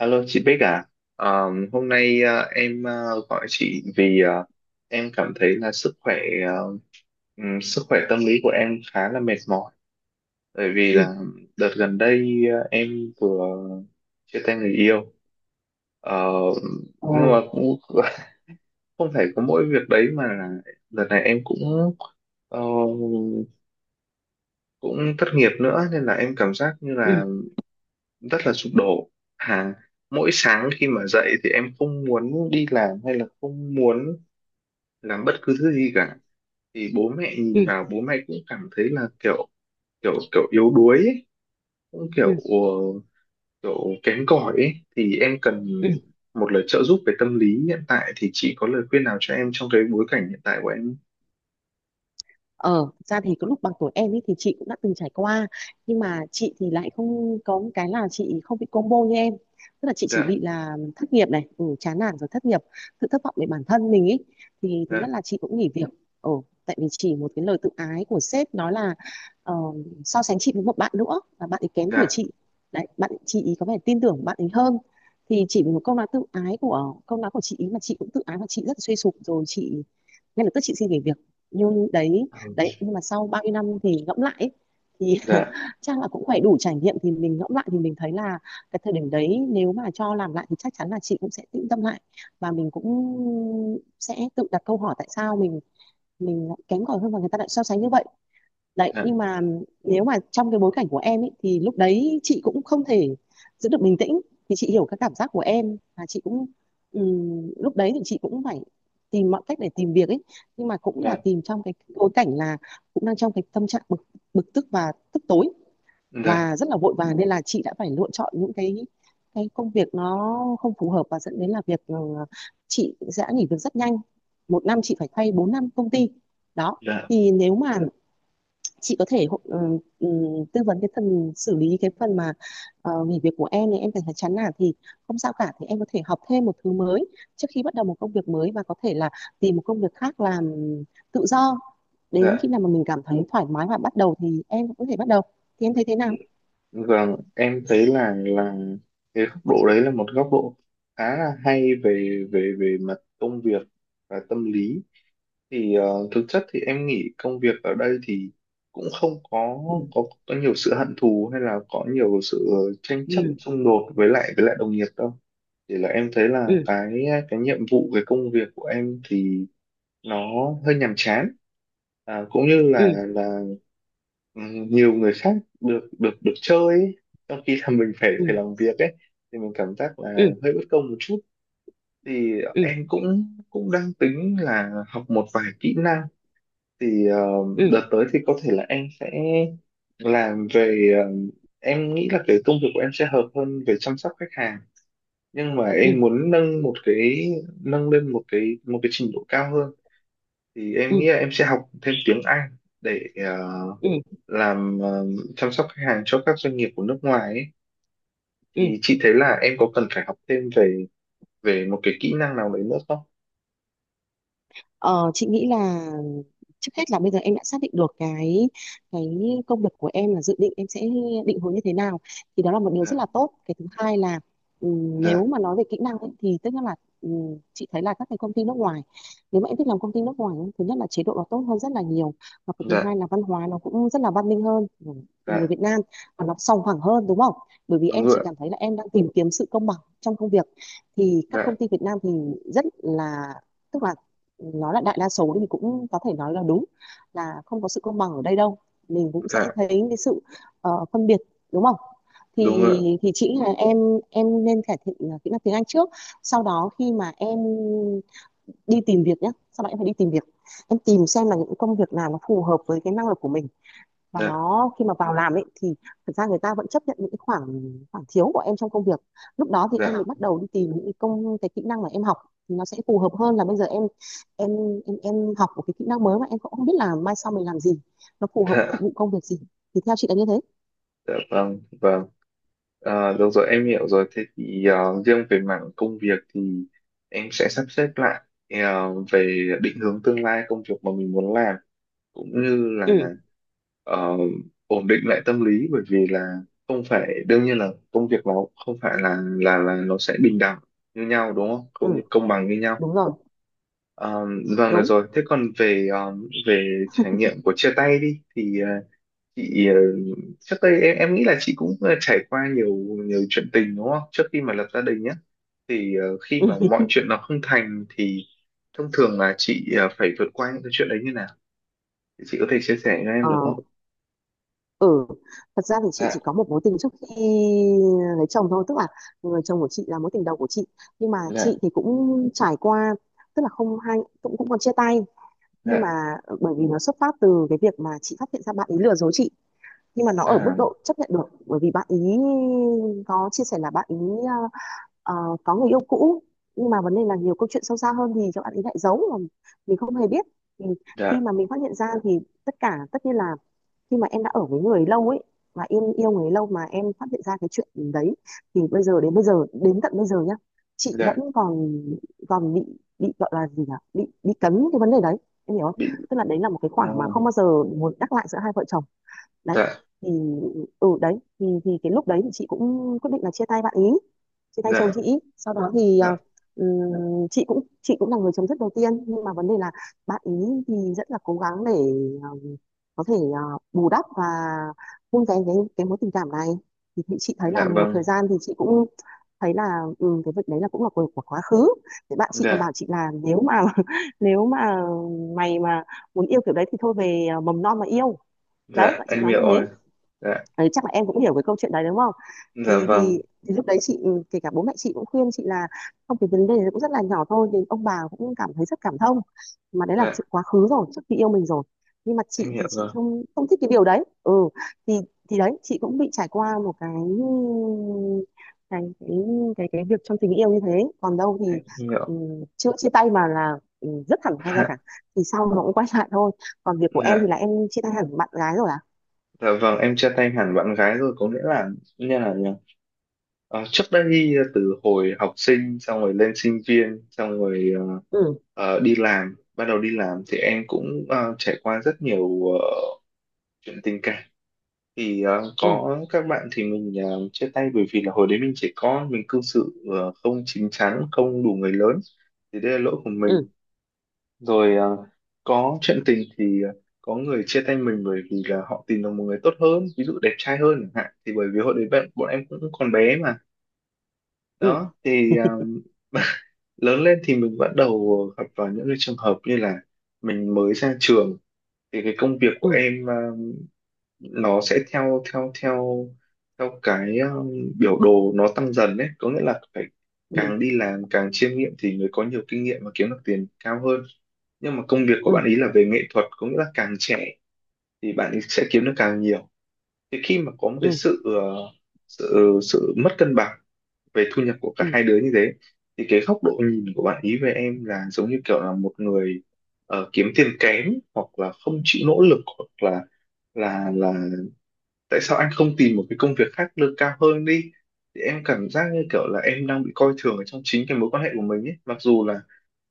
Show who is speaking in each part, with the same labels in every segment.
Speaker 1: Alo chị Bích à. Hôm nay em gọi chị vì em cảm thấy là ờ, sức khỏe tâm lý của em khá là mệt mỏi, bởi vì
Speaker 2: Ừ.
Speaker 1: là đợt gần đây em vừa chia tay người yêu. Ờ,
Speaker 2: Ồ.
Speaker 1: nhưng mà cũng không phải có mỗi việc đấy mà là đợt này em ờ, cũng thất nghiệp nữa, nên là em cảm giác như
Speaker 2: Ừ.
Speaker 1: là rất là sụp đổ. À, mỗi sáng khi mà dậy thì em không muốn đi làm hay là không muốn làm bất cứ thứ gì cả. Thì bố mẹ
Speaker 2: Ừ.
Speaker 1: nhìn vào, bố mẹ cũng cảm thấy là kiểu kiểu kiểu yếu đuối ấy, cũng
Speaker 2: Ừ.
Speaker 1: kiểu kém cỏi ấy. Thì em cần
Speaker 2: Ừ.
Speaker 1: một lời trợ giúp về tâm lý hiện tại, thì chị có lời khuyên nào cho em trong cái bối cảnh hiện tại của em?
Speaker 2: Ờ, Thật ra thì có lúc bằng tuổi em ấy thì chị cũng đã từng trải qua, nhưng mà chị thì lại không có một cái là chị không bị combo như em. Tức là chị chỉ
Speaker 1: Dạ.
Speaker 2: bị là thất nghiệp này, ừ, chán nản rồi thất nghiệp, sự thất vọng về bản thân mình ấy. Thì thứ
Speaker 1: Dạ.
Speaker 2: nhất là chị cũng nghỉ việc, ừ, tại vì chỉ một cái lời tự ái của sếp nói là ờ, so sánh chị với một bạn nữa là bạn ấy kém tuổi
Speaker 1: Dạ.
Speaker 2: chị. Đấy, bạn chị ý có vẻ tin tưởng bạn ấy hơn. Thì chỉ vì một câu nói tự ái của câu nói của chị ý mà chị cũng tự ái và chị rất là suy sụp rồi chị ngay lập tức chị xin nghỉ việc. Nhưng đấy,
Speaker 1: Ừ.
Speaker 2: nhưng mà sau bao nhiêu năm thì ngẫm lại ấy, thì
Speaker 1: Dạ.
Speaker 2: chắc là cũng phải đủ trải nghiệm thì mình ngẫm lại thì mình thấy là cái thời điểm đấy nếu mà cho làm lại thì chắc chắn là chị cũng sẽ tĩnh tâm lại, và mình cũng sẽ tự đặt câu hỏi tại sao mình lại kém cỏi hơn và người ta lại so sánh như vậy. Đấy,
Speaker 1: Dạ.
Speaker 2: nhưng mà nếu mà trong cái bối cảnh của em ấy thì lúc đấy chị cũng không thể giữ được bình tĩnh. Thì chị hiểu các cảm giác của em, và chị cũng lúc đấy thì chị cũng phải tìm mọi cách để tìm việc ấy, nhưng mà cũng là
Speaker 1: Dạ.
Speaker 2: tìm trong cái bối cảnh là cũng đang trong cái tâm trạng bực bực tức và tức tối
Speaker 1: Dạ.
Speaker 2: và rất là vội vàng, nên là chị đã phải lựa chọn những cái công việc nó không phù hợp và dẫn đến là việc, ừ, chị sẽ nghỉ việc rất nhanh, một năm chị phải thay bốn năm công ty, đó.
Speaker 1: Dạ.
Speaker 2: Thì nếu mà chị có thể tư vấn cái phần xử lý cái phần mà nghỉ việc của em này, em cảm thấy chán nản thì không sao cả, thì em có thể học thêm một thứ mới trước khi bắt đầu một công việc mới, và có thể là tìm một công việc khác làm tự do. Đến
Speaker 1: Dạ.
Speaker 2: khi nào mà mình cảm thấy thoải mái và bắt đầu thì em cũng có thể bắt đầu. Thì em thấy thế nào?
Speaker 1: Vâng, em thấy là cái góc độ đấy là một góc độ khá là hay về về về mặt công việc và tâm lý. Thì thực chất thì em nghĩ công việc ở đây thì cũng không có
Speaker 2: Ừ.
Speaker 1: có có nhiều sự hận thù hay là có nhiều sự tranh chấp
Speaker 2: Ừ.
Speaker 1: xung đột với lại đồng nghiệp đâu. Chỉ là em thấy là
Speaker 2: Ừ.
Speaker 1: cái nhiệm vụ, cái công việc của em thì nó hơi nhàm chán, à, cũng như
Speaker 2: Ừ.
Speaker 1: là ừ, nhiều người khác được được được chơi ấy, trong khi là mình phải
Speaker 2: Ừ.
Speaker 1: phải làm việc ấy, thì mình cảm giác là
Speaker 2: Ừ.
Speaker 1: hơi bất công một chút. Thì
Speaker 2: Ừ.
Speaker 1: em cũng cũng đang tính là học một vài kỹ năng, thì
Speaker 2: Ừ.
Speaker 1: đợt tới thì có thể là em sẽ làm về ờ, em nghĩ là cái công việc của em sẽ hợp hơn về chăm sóc khách hàng. Nhưng mà
Speaker 2: Ừ. Ừ.
Speaker 1: em muốn nâng lên một cái trình độ cao hơn. Thì
Speaker 2: Ừ.
Speaker 1: em
Speaker 2: Ừ,
Speaker 1: nghĩ là em sẽ học thêm tiếng Anh để
Speaker 2: ừ.
Speaker 1: làm chăm sóc khách hàng cho các doanh nghiệp của nước ngoài ấy.
Speaker 2: Ừ.
Speaker 1: Thì chị thấy là em có cần phải học thêm về về một cái kỹ năng nào đấy nữa không?
Speaker 2: Ờ, chị nghĩ là trước hết là bây giờ em đã xác định được cái cái công việc của em là dự định em sẽ định hướng như thế nào, thì đó là một điều rất
Speaker 1: Dạ.
Speaker 2: là tốt. Cái thứ hai là,
Speaker 1: Dạ.
Speaker 2: nếu mà nói về kỹ năng ấy, thì tức là chị thấy là các cái công ty nước ngoài, nếu mà em thích làm công ty nước ngoài ấy, thứ nhất là chế độ nó tốt hơn rất là nhiều, và cái thứ
Speaker 1: Dạ.
Speaker 2: hai là văn hóa nó cũng rất là văn minh hơn của người
Speaker 1: Dạ.
Speaker 2: Việt Nam, và nó sòng phẳng hơn, đúng không? Bởi vì
Speaker 1: Đúng
Speaker 2: em
Speaker 1: rồi,
Speaker 2: chỉ
Speaker 1: ạ.
Speaker 2: cảm thấy là em đang tìm kiếm sự công bằng trong công việc. Thì các
Speaker 1: Dạ.
Speaker 2: công ty Việt Nam thì rất là, tức là, nó là đại đa số thì cũng có thể nói là đúng là không có sự công bằng ở đây đâu. Mình cũng sẽ
Speaker 1: Dạ.
Speaker 2: thấy cái sự phân biệt, đúng không? thì
Speaker 1: Đúng rồi, ạ.
Speaker 2: thì chị nghĩ là em nên cải thiện kỹ năng tiếng Anh trước, sau đó khi mà em đi tìm việc nhé, sau đó em phải đi tìm việc, em tìm xem là những công việc nào nó phù hợp với cái năng lực của mình. Và
Speaker 1: Dạ.
Speaker 2: nó khi mà vào làm ấy thì thật ra người ta vẫn chấp nhận những cái khoảng, khoảng thiếu của em trong công việc. Lúc đó thì em mới
Speaker 1: Dạ.
Speaker 2: bắt đầu đi tìm những cái công cái kỹ năng mà em học thì nó sẽ phù hợp hơn là bây giờ em em em học một cái kỹ năng mới mà em cũng không biết là mai sau mình làm gì, nó phù hợp với phục
Speaker 1: Dạ.
Speaker 2: vụ công việc gì. Thì theo chị là như thế.
Speaker 1: Dạ. Vâng, vâng. Được rồi, em hiểu rồi. Thế thì riêng về mảng công việc thì em sẽ sắp xếp lại về định hướng tương lai công việc mà mình muốn làm, cũng như
Speaker 2: Ừ.
Speaker 1: là ờ, ổn định lại tâm lý. Bởi vì là không phải đương nhiên là công việc nó, không phải là nó sẽ bình đẳng như nhau, đúng không?
Speaker 2: Ừ,
Speaker 1: Công bằng như nhau.
Speaker 2: đúng rồi.
Speaker 1: Ờ, vâng, được
Speaker 2: Đúng.
Speaker 1: rồi. Thế còn về về trải nghiệm của chia tay đi, thì chị ờ, trước đây em nghĩ là chị cũng trải qua nhiều nhiều chuyện tình, đúng không, trước khi mà lập gia đình nhé. Thì khi mà mọi chuyện nó không thành thì thông thường là chị phải vượt qua những cái chuyện đấy như nào, thì chị có thể chia sẻ cho em được không?
Speaker 2: Ừ. Ừ, thật ra thì chị
Speaker 1: Dạ.
Speaker 2: chỉ có một mối tình trước khi lấy chồng thôi, tức là người chồng của chị là mối tình đầu của chị. Nhưng mà
Speaker 1: Dạ.
Speaker 2: chị thì cũng trải qua, tức là không hai cũng cũng còn chia tay, nhưng mà
Speaker 1: Dạ.
Speaker 2: ừ, bởi vì nó xuất phát từ cái việc mà chị phát hiện ra bạn ấy lừa dối chị, nhưng mà nó ở mức
Speaker 1: À.
Speaker 2: độ chấp nhận được bởi vì bạn ấy có chia sẻ là bạn ấy ờ, có người yêu cũ. Nhưng mà vấn đề là nhiều câu chuyện sâu xa hơn thì các bạn ấy lại giấu mà mình không hề biết. Thì khi
Speaker 1: Dạ.
Speaker 2: mà mình phát hiện ra thì tất cả tất nhiên là khi mà em đã ở với người lâu ấy, mà em yêu người lâu mà em phát hiện ra cái chuyện đấy, thì bây giờ đến tận bây giờ nhá, chị vẫn
Speaker 1: Dạ.
Speaker 2: còn, còn bị bị gọi là gì nhỉ, bị cấn cái vấn đề đấy, em hiểu không?
Speaker 1: Bị.
Speaker 2: Tức là đấy là một cái
Speaker 1: À.
Speaker 2: khoảng mà không bao giờ muốn nhắc lại giữa hai vợ chồng. Đấy,
Speaker 1: Dạ.
Speaker 2: thì đấy thì cái lúc đấy thì chị cũng quyết định là chia tay bạn ý, chia tay chồng
Speaker 1: Dạ.
Speaker 2: chị. Sau đó thì
Speaker 1: Dạ.
Speaker 2: chị cũng là người chấm dứt đầu tiên, nhưng mà vấn đề là bạn ý thì rất là cố gắng để ờ, có thể bù đắp và vun vén cái mối tình cảm này. Thì chị thấy là
Speaker 1: Dạ.
Speaker 2: một thời
Speaker 1: Vâng.
Speaker 2: gian thì chị cũng thấy là, ừ, cái việc đấy là cũng là của quá khứ. Thì bạn chị còn
Speaker 1: Dạ.
Speaker 2: bảo chị là nếu mà nếu mà mày mà muốn yêu kiểu đấy thì thôi về mầm non mà yêu. Đấy,
Speaker 1: Dạ.
Speaker 2: bạn chị
Speaker 1: Em
Speaker 2: nói
Speaker 1: hiểu
Speaker 2: như thế.
Speaker 1: rồi. Dạ.
Speaker 2: Đấy chắc là em cũng hiểu cái câu chuyện đấy, đúng không?
Speaker 1: Dạ.
Speaker 2: thì thì
Speaker 1: Vâng.
Speaker 2: thì lúc đấy chị, ừ, kể cả bố mẹ chị cũng khuyên chị là không, cái vấn đề đấy cũng rất là nhỏ thôi, nhưng ông bà cũng cảm thấy rất cảm thông, mà đấy là
Speaker 1: Dạ.
Speaker 2: chuyện quá khứ rồi, trước khi yêu mình rồi, nhưng mà
Speaker 1: Em
Speaker 2: chị thì
Speaker 1: hiểu
Speaker 2: chị
Speaker 1: rồi.
Speaker 2: không không thích cái điều đấy, ừ. thì thì đấy chị cũng bị trải qua một cái cái cái việc trong tình yêu như thế. Còn đâu thì,
Speaker 1: Em hiểu.
Speaker 2: ừ, chưa chia tay mà là, ừ, rất thẳng thắn ra cả.
Speaker 1: Dạ.
Speaker 2: Thì sau nó cũng quay lại thôi. Còn việc của em thì
Speaker 1: Dạ.
Speaker 2: là em chia tay hẳn bạn gái rồi à?
Speaker 1: Dạ. Vâng, em chia tay hẳn bạn gái rồi, có nghĩa là, như là nhỉ? Trước đây từ hồi học sinh xong rồi lên sinh viên xong rồi
Speaker 2: Ừ.
Speaker 1: đi làm bắt đầu đi làm, thì em cũng trải qua rất nhiều chuyện tình cảm. Thì
Speaker 2: Ừ.
Speaker 1: có các bạn thì mình chia tay bởi vì là hồi đấy mình trẻ con, mình cư xử không chín chắn, không đủ người lớn, thì đây là lỗi của
Speaker 2: Ừ.
Speaker 1: mình. Rồi có chuyện tình thì có người chia tay mình bởi vì là họ tìm được một người tốt hơn, ví dụ đẹp trai hơn chẳng hạn, thì bởi vì hồi đấy bạn bọn em cũng còn bé mà.
Speaker 2: Ừ.
Speaker 1: Đó thì lớn lên thì mình bắt đầu gặp vào những cái trường hợp như là mình mới ra trường, thì cái công việc của
Speaker 2: Ừ.
Speaker 1: em nó sẽ theo theo theo theo cái biểu đồ nó tăng dần đấy, có nghĩa là phải
Speaker 2: Ừ.
Speaker 1: càng đi làm càng chiêm nghiệm thì người có nhiều kinh nghiệm và kiếm được tiền cao hơn. Nhưng mà công việc của bạn
Speaker 2: Ừ.
Speaker 1: ý là về nghệ thuật, có nghĩa là càng trẻ thì bạn ý sẽ kiếm được càng nhiều. Thì khi mà có một cái
Speaker 2: Ừ.
Speaker 1: sự ờ, sự sự mất cân bằng về thu nhập của cả
Speaker 2: Ừ.
Speaker 1: hai đứa như thế, thì cái góc độ nhìn của bạn ý về em là giống như kiểu là một người kiếm tiền kém, hoặc là không chịu nỗ lực, hoặc là tại sao anh không tìm một cái công việc khác lương cao hơn đi. Thì em cảm giác như kiểu là em đang bị coi thường ở trong chính cái mối quan hệ của mình ấy, mặc dù là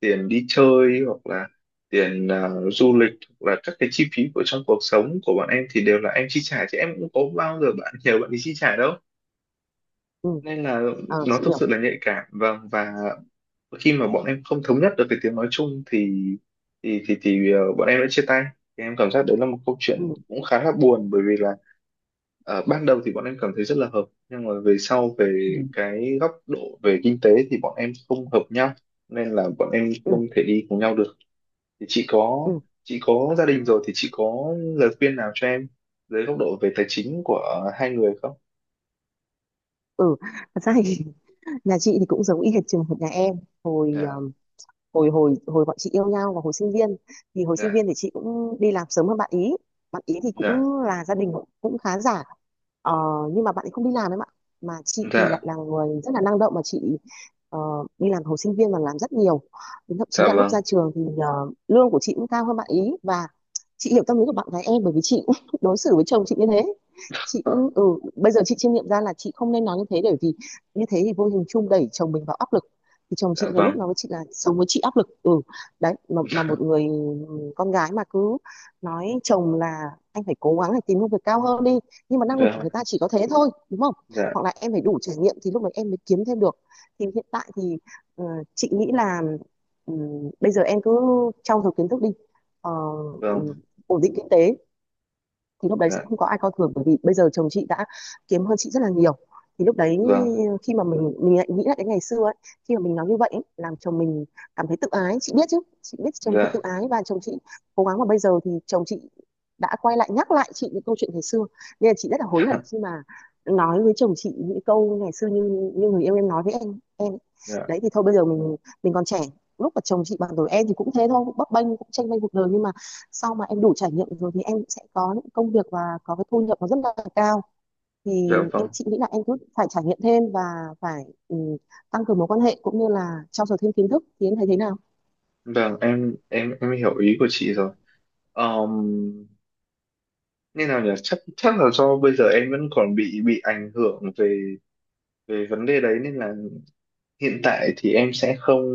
Speaker 1: tiền đi chơi, hoặc là tiền, à, du lịch, hoặc là các cái chi phí của trong cuộc sống của bọn em thì đều là em chi trả, chứ em cũng có bao giờ bạn nhờ bạn đi chi trả đâu.
Speaker 2: Ừ.
Speaker 1: Nên là
Speaker 2: Ờ,
Speaker 1: nó
Speaker 2: chị
Speaker 1: thực
Speaker 2: hiểu.
Speaker 1: sự là nhạy cảm, vâng. Và khi mà bọn em không thống nhất được cái tiếng nói chung thì thì bọn em đã chia tay. Thì em cảm giác đấy là một câu chuyện
Speaker 2: Ừ.
Speaker 1: cũng khá là buồn, bởi vì là ban đầu thì bọn em cảm thấy rất là hợp, nhưng mà về sau về
Speaker 2: Ừ.
Speaker 1: cái góc độ về kinh tế thì bọn em không hợp nhau, nên là bọn em không
Speaker 2: Ừ.
Speaker 1: thể đi cùng nhau được. Thì
Speaker 2: Ừ.
Speaker 1: chị có gia đình rồi thì chị có lời khuyên nào cho em dưới góc độ về tài chính của hai người không?
Speaker 2: Ừ. Thật ra thì nhà chị thì cũng giống y hệt trường hợp nhà em, hồi ờ,
Speaker 1: Dạ.
Speaker 2: hồi hồi hồi bọn chị yêu nhau và hồi sinh viên, thì hồi sinh
Speaker 1: Dạ.
Speaker 2: viên thì chị cũng đi làm sớm hơn bạn ý. Bạn ý thì
Speaker 1: Dạ.
Speaker 2: cũng là gia đình cũng khá giả, ờ, nhưng mà bạn ấy không đi làm em ạ, mà chị thì lại
Speaker 1: Dạ.
Speaker 2: là người rất là năng động mà chị ờ, đi làm hồi sinh viên và làm rất nhiều. Đến thậm chí
Speaker 1: Dạ.
Speaker 2: là lúc ra
Speaker 1: Vâng.
Speaker 2: trường thì lương của chị cũng cao hơn bạn ý. Và chị hiểu tâm lý của bạn gái em bởi vì chị cũng đối xử với chồng chị như thế. Chị
Speaker 1: Dạ.
Speaker 2: cũng bây giờ chị chiêm nghiệm ra là chị không nên nói như thế, bởi vì như thế thì vô hình chung đẩy chồng mình vào áp lực. Thì chồng chị nhiều lúc
Speaker 1: Vâng.
Speaker 2: nói với chị là sống với chị áp lực, ừ. Đấy, mà một người con gái mà cứ nói chồng là anh phải cố gắng để tìm công việc cao hơn đi, nhưng mà năng lực của
Speaker 1: Dạ.
Speaker 2: người ta chỉ có thế thôi, đúng không?
Speaker 1: Dạ.
Speaker 2: Hoặc là em phải đủ trải nghiệm thì lúc đấy em mới kiếm thêm được. Thì hiện tại thì ờ, chị nghĩ là, ừ, bây giờ em cứ trau dồi kiến thức đi. Ờ, ừ,
Speaker 1: Vâng.
Speaker 2: ổn định kinh tế. Thì lúc đấy chị
Speaker 1: Dạ.
Speaker 2: không có ai coi thường, bởi vì bây giờ chồng chị đã kiếm hơn chị rất là nhiều. Thì lúc đấy
Speaker 1: Vâng.
Speaker 2: khi mà mình lại nghĩ lại cái ngày xưa ấy, khi mà mình nói như vậy ấy, làm chồng mình cảm thấy tự ái, chị biết chứ. Chị biết chồng thì tự
Speaker 1: Dạ.
Speaker 2: ái và chồng chị cố gắng, mà bây giờ thì chồng chị đã quay lại nhắc lại chị những câu chuyện ngày xưa. Nên là chị rất là hối hận khi mà nói với chồng chị những câu ngày xưa như như người yêu em nói với em ấy.
Speaker 1: Dạ.
Speaker 2: Đấy thì thôi bây giờ mình, còn trẻ, lúc mà chồng chị bằng tuổi em thì cũng thế thôi, cũng bấp bênh, cũng tranh bênh cuộc đời, nhưng mà sau mà em đủ trải nghiệm rồi thì em sẽ có những công việc và có cái thu nhập nó rất là cao.
Speaker 1: Dạ.
Speaker 2: Thì em,
Speaker 1: Vâng.
Speaker 2: chị nghĩ là em cứ phải trải nghiệm thêm, và phải, ừ, tăng cường mối quan hệ cũng như là trau dồi thêm kiến thức. Thì em thấy thế nào?
Speaker 1: Vâng, em hiểu ý của chị rồi. um, như nào nhỉ, chắc chắc là do bây giờ em vẫn còn bị ảnh hưởng về về vấn đề đấy, nên là hiện tại thì em sẽ không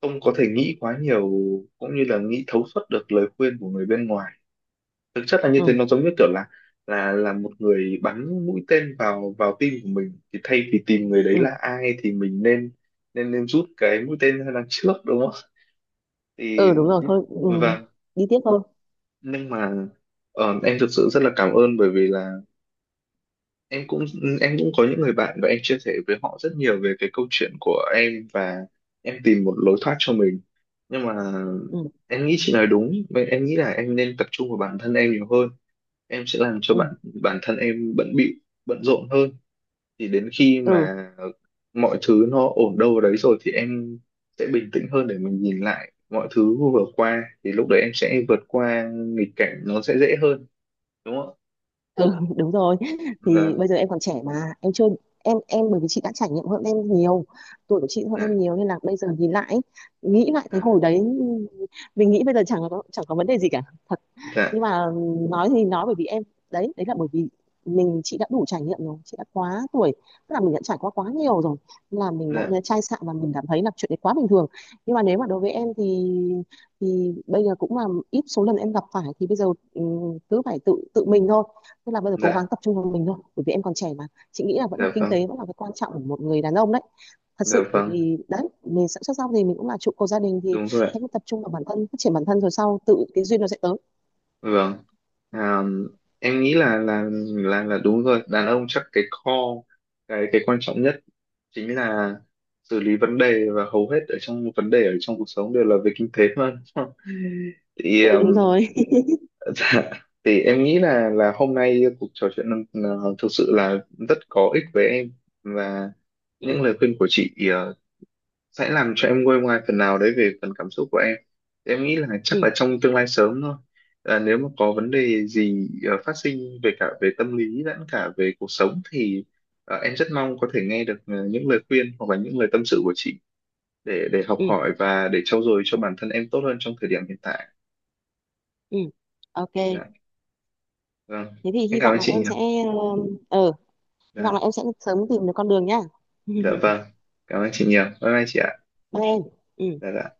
Speaker 1: không có thể nghĩ quá nhiều, cũng như là nghĩ thấu suốt được lời khuyên của người bên ngoài. Thực chất là như thế,
Speaker 2: Ừ.
Speaker 1: nó giống như kiểu là một người bắn mũi tên vào vào tim của mình, thì thay vì tìm người đấy
Speaker 2: Ừ.
Speaker 1: là ai thì mình nên nên nên rút cái mũi tên ra đằng trước, đúng không?
Speaker 2: Ừ,
Speaker 1: Thì
Speaker 2: đúng rồi thôi, ừ,
Speaker 1: vâng.
Speaker 2: đi tiếp thôi.
Speaker 1: Nhưng mà em thực sự rất là cảm ơn, bởi vì là em cũng em cũng có những người bạn và em chia sẻ với họ rất nhiều về cái câu chuyện của em, và em tìm một lối thoát cho mình. Nhưng mà
Speaker 2: Ừ.
Speaker 1: em nghĩ chị nói đúng vậy, em nghĩ là em nên tập trung vào bản thân em nhiều hơn. Em sẽ làm cho
Speaker 2: Ừ.
Speaker 1: bản thân em bận bịu, bận rộn hơn. Thì đến khi
Speaker 2: Ừ.
Speaker 1: mà mọi thứ nó ổn đâu vào đấy rồi thì em sẽ bình tĩnh hơn, để mình nhìn lại mọi thứ vừa qua, thì lúc đấy em sẽ vượt qua nghịch cảnh nó sẽ dễ hơn, đúng không
Speaker 2: Ừ. Đúng rồi.
Speaker 1: ạ?
Speaker 2: Thì
Speaker 1: Vâng.
Speaker 2: bây giờ em còn trẻ mà em chưa, em bởi vì chị đã trải nghiệm hơn em nhiều, tuổi của chị hơn
Speaker 1: Dạ.
Speaker 2: em nhiều nên là bây giờ nhìn lại, nghĩ lại cái hồi
Speaker 1: Dạ.
Speaker 2: đấy, mình nghĩ bây giờ chẳng có vấn đề gì cả,
Speaker 1: Dạ.
Speaker 2: nhưng mà nói thì nói bởi vì em, đấy đấy là bởi vì mình, chị đã đủ trải nghiệm rồi, chị đã quá tuổi, tức là mình đã trải qua quá nhiều rồi. Nên là mình đã
Speaker 1: Dạ.
Speaker 2: chai sạn và mình cảm thấy là chuyện đấy quá bình thường. Nhưng mà nếu mà đối với em thì bây giờ cũng là ít số lần em gặp phải thì bây giờ cứ phải tự tự mình thôi. Tức là bây giờ cố gắng
Speaker 1: Dạ.
Speaker 2: tập trung vào mình thôi, bởi vì em còn trẻ mà. Chị nghĩ là vẫn
Speaker 1: Dạ.
Speaker 2: là kinh
Speaker 1: Vâng.
Speaker 2: tế vẫn là cái quan trọng của một người đàn ông đấy, thật
Speaker 1: Dạ.
Speaker 2: sự. Bởi
Speaker 1: Vâng,
Speaker 2: vì đấy mình sắp xuất gia thì mình cũng là trụ cột gia đình. Thì
Speaker 1: đúng rồi, ạ.
Speaker 2: hãy cứ tập trung vào bản thân, phát triển bản thân rồi sau tự cái duyên nó sẽ tới.
Speaker 1: Vâng. À, em nghĩ là là đúng rồi, đàn ông chắc cái core, cái quan trọng nhất chính là xử lý vấn đề, và hầu hết ở trong vấn đề ở trong cuộc sống đều là về kinh tế mà, đúng không? Thì
Speaker 2: Ừ, đúng rồi.
Speaker 1: dạ, thì em nghĩ là hôm nay cuộc trò chuyện là thực sự là rất có ích với em, và những
Speaker 2: Ừ.
Speaker 1: lời khuyên của chị sẽ làm cho em nguôi ngoai phần nào đấy về phần cảm xúc của em. Thì em nghĩ là
Speaker 2: Ừ.
Speaker 1: chắc là trong tương lai sớm thôi, à, nếu mà có vấn đề gì phát sinh về cả về tâm lý lẫn cả về cuộc sống thì em rất mong có thể nghe được những lời khuyên hoặc là những lời tâm sự của chị, để học
Speaker 2: Ừ.
Speaker 1: hỏi và để trau dồi cho bản thân em tốt hơn trong thời điểm hiện tại.
Speaker 2: Ừ. OK.
Speaker 1: Dạ. Vâng.
Speaker 2: Thế thì
Speaker 1: Em
Speaker 2: hy
Speaker 1: cảm
Speaker 2: vọng
Speaker 1: ơn
Speaker 2: là
Speaker 1: chị
Speaker 2: em
Speaker 1: nhiều.
Speaker 2: sẽ, ờ, ờ, hy vọng là
Speaker 1: Dạ.
Speaker 2: em sẽ sớm tìm được con đường nhá.
Speaker 1: Dạ. Vâng. Cảm ơn chị nhiều, bye bye chị ạ.
Speaker 2: Bye em. Ừ.
Speaker 1: Dạ. Dạ.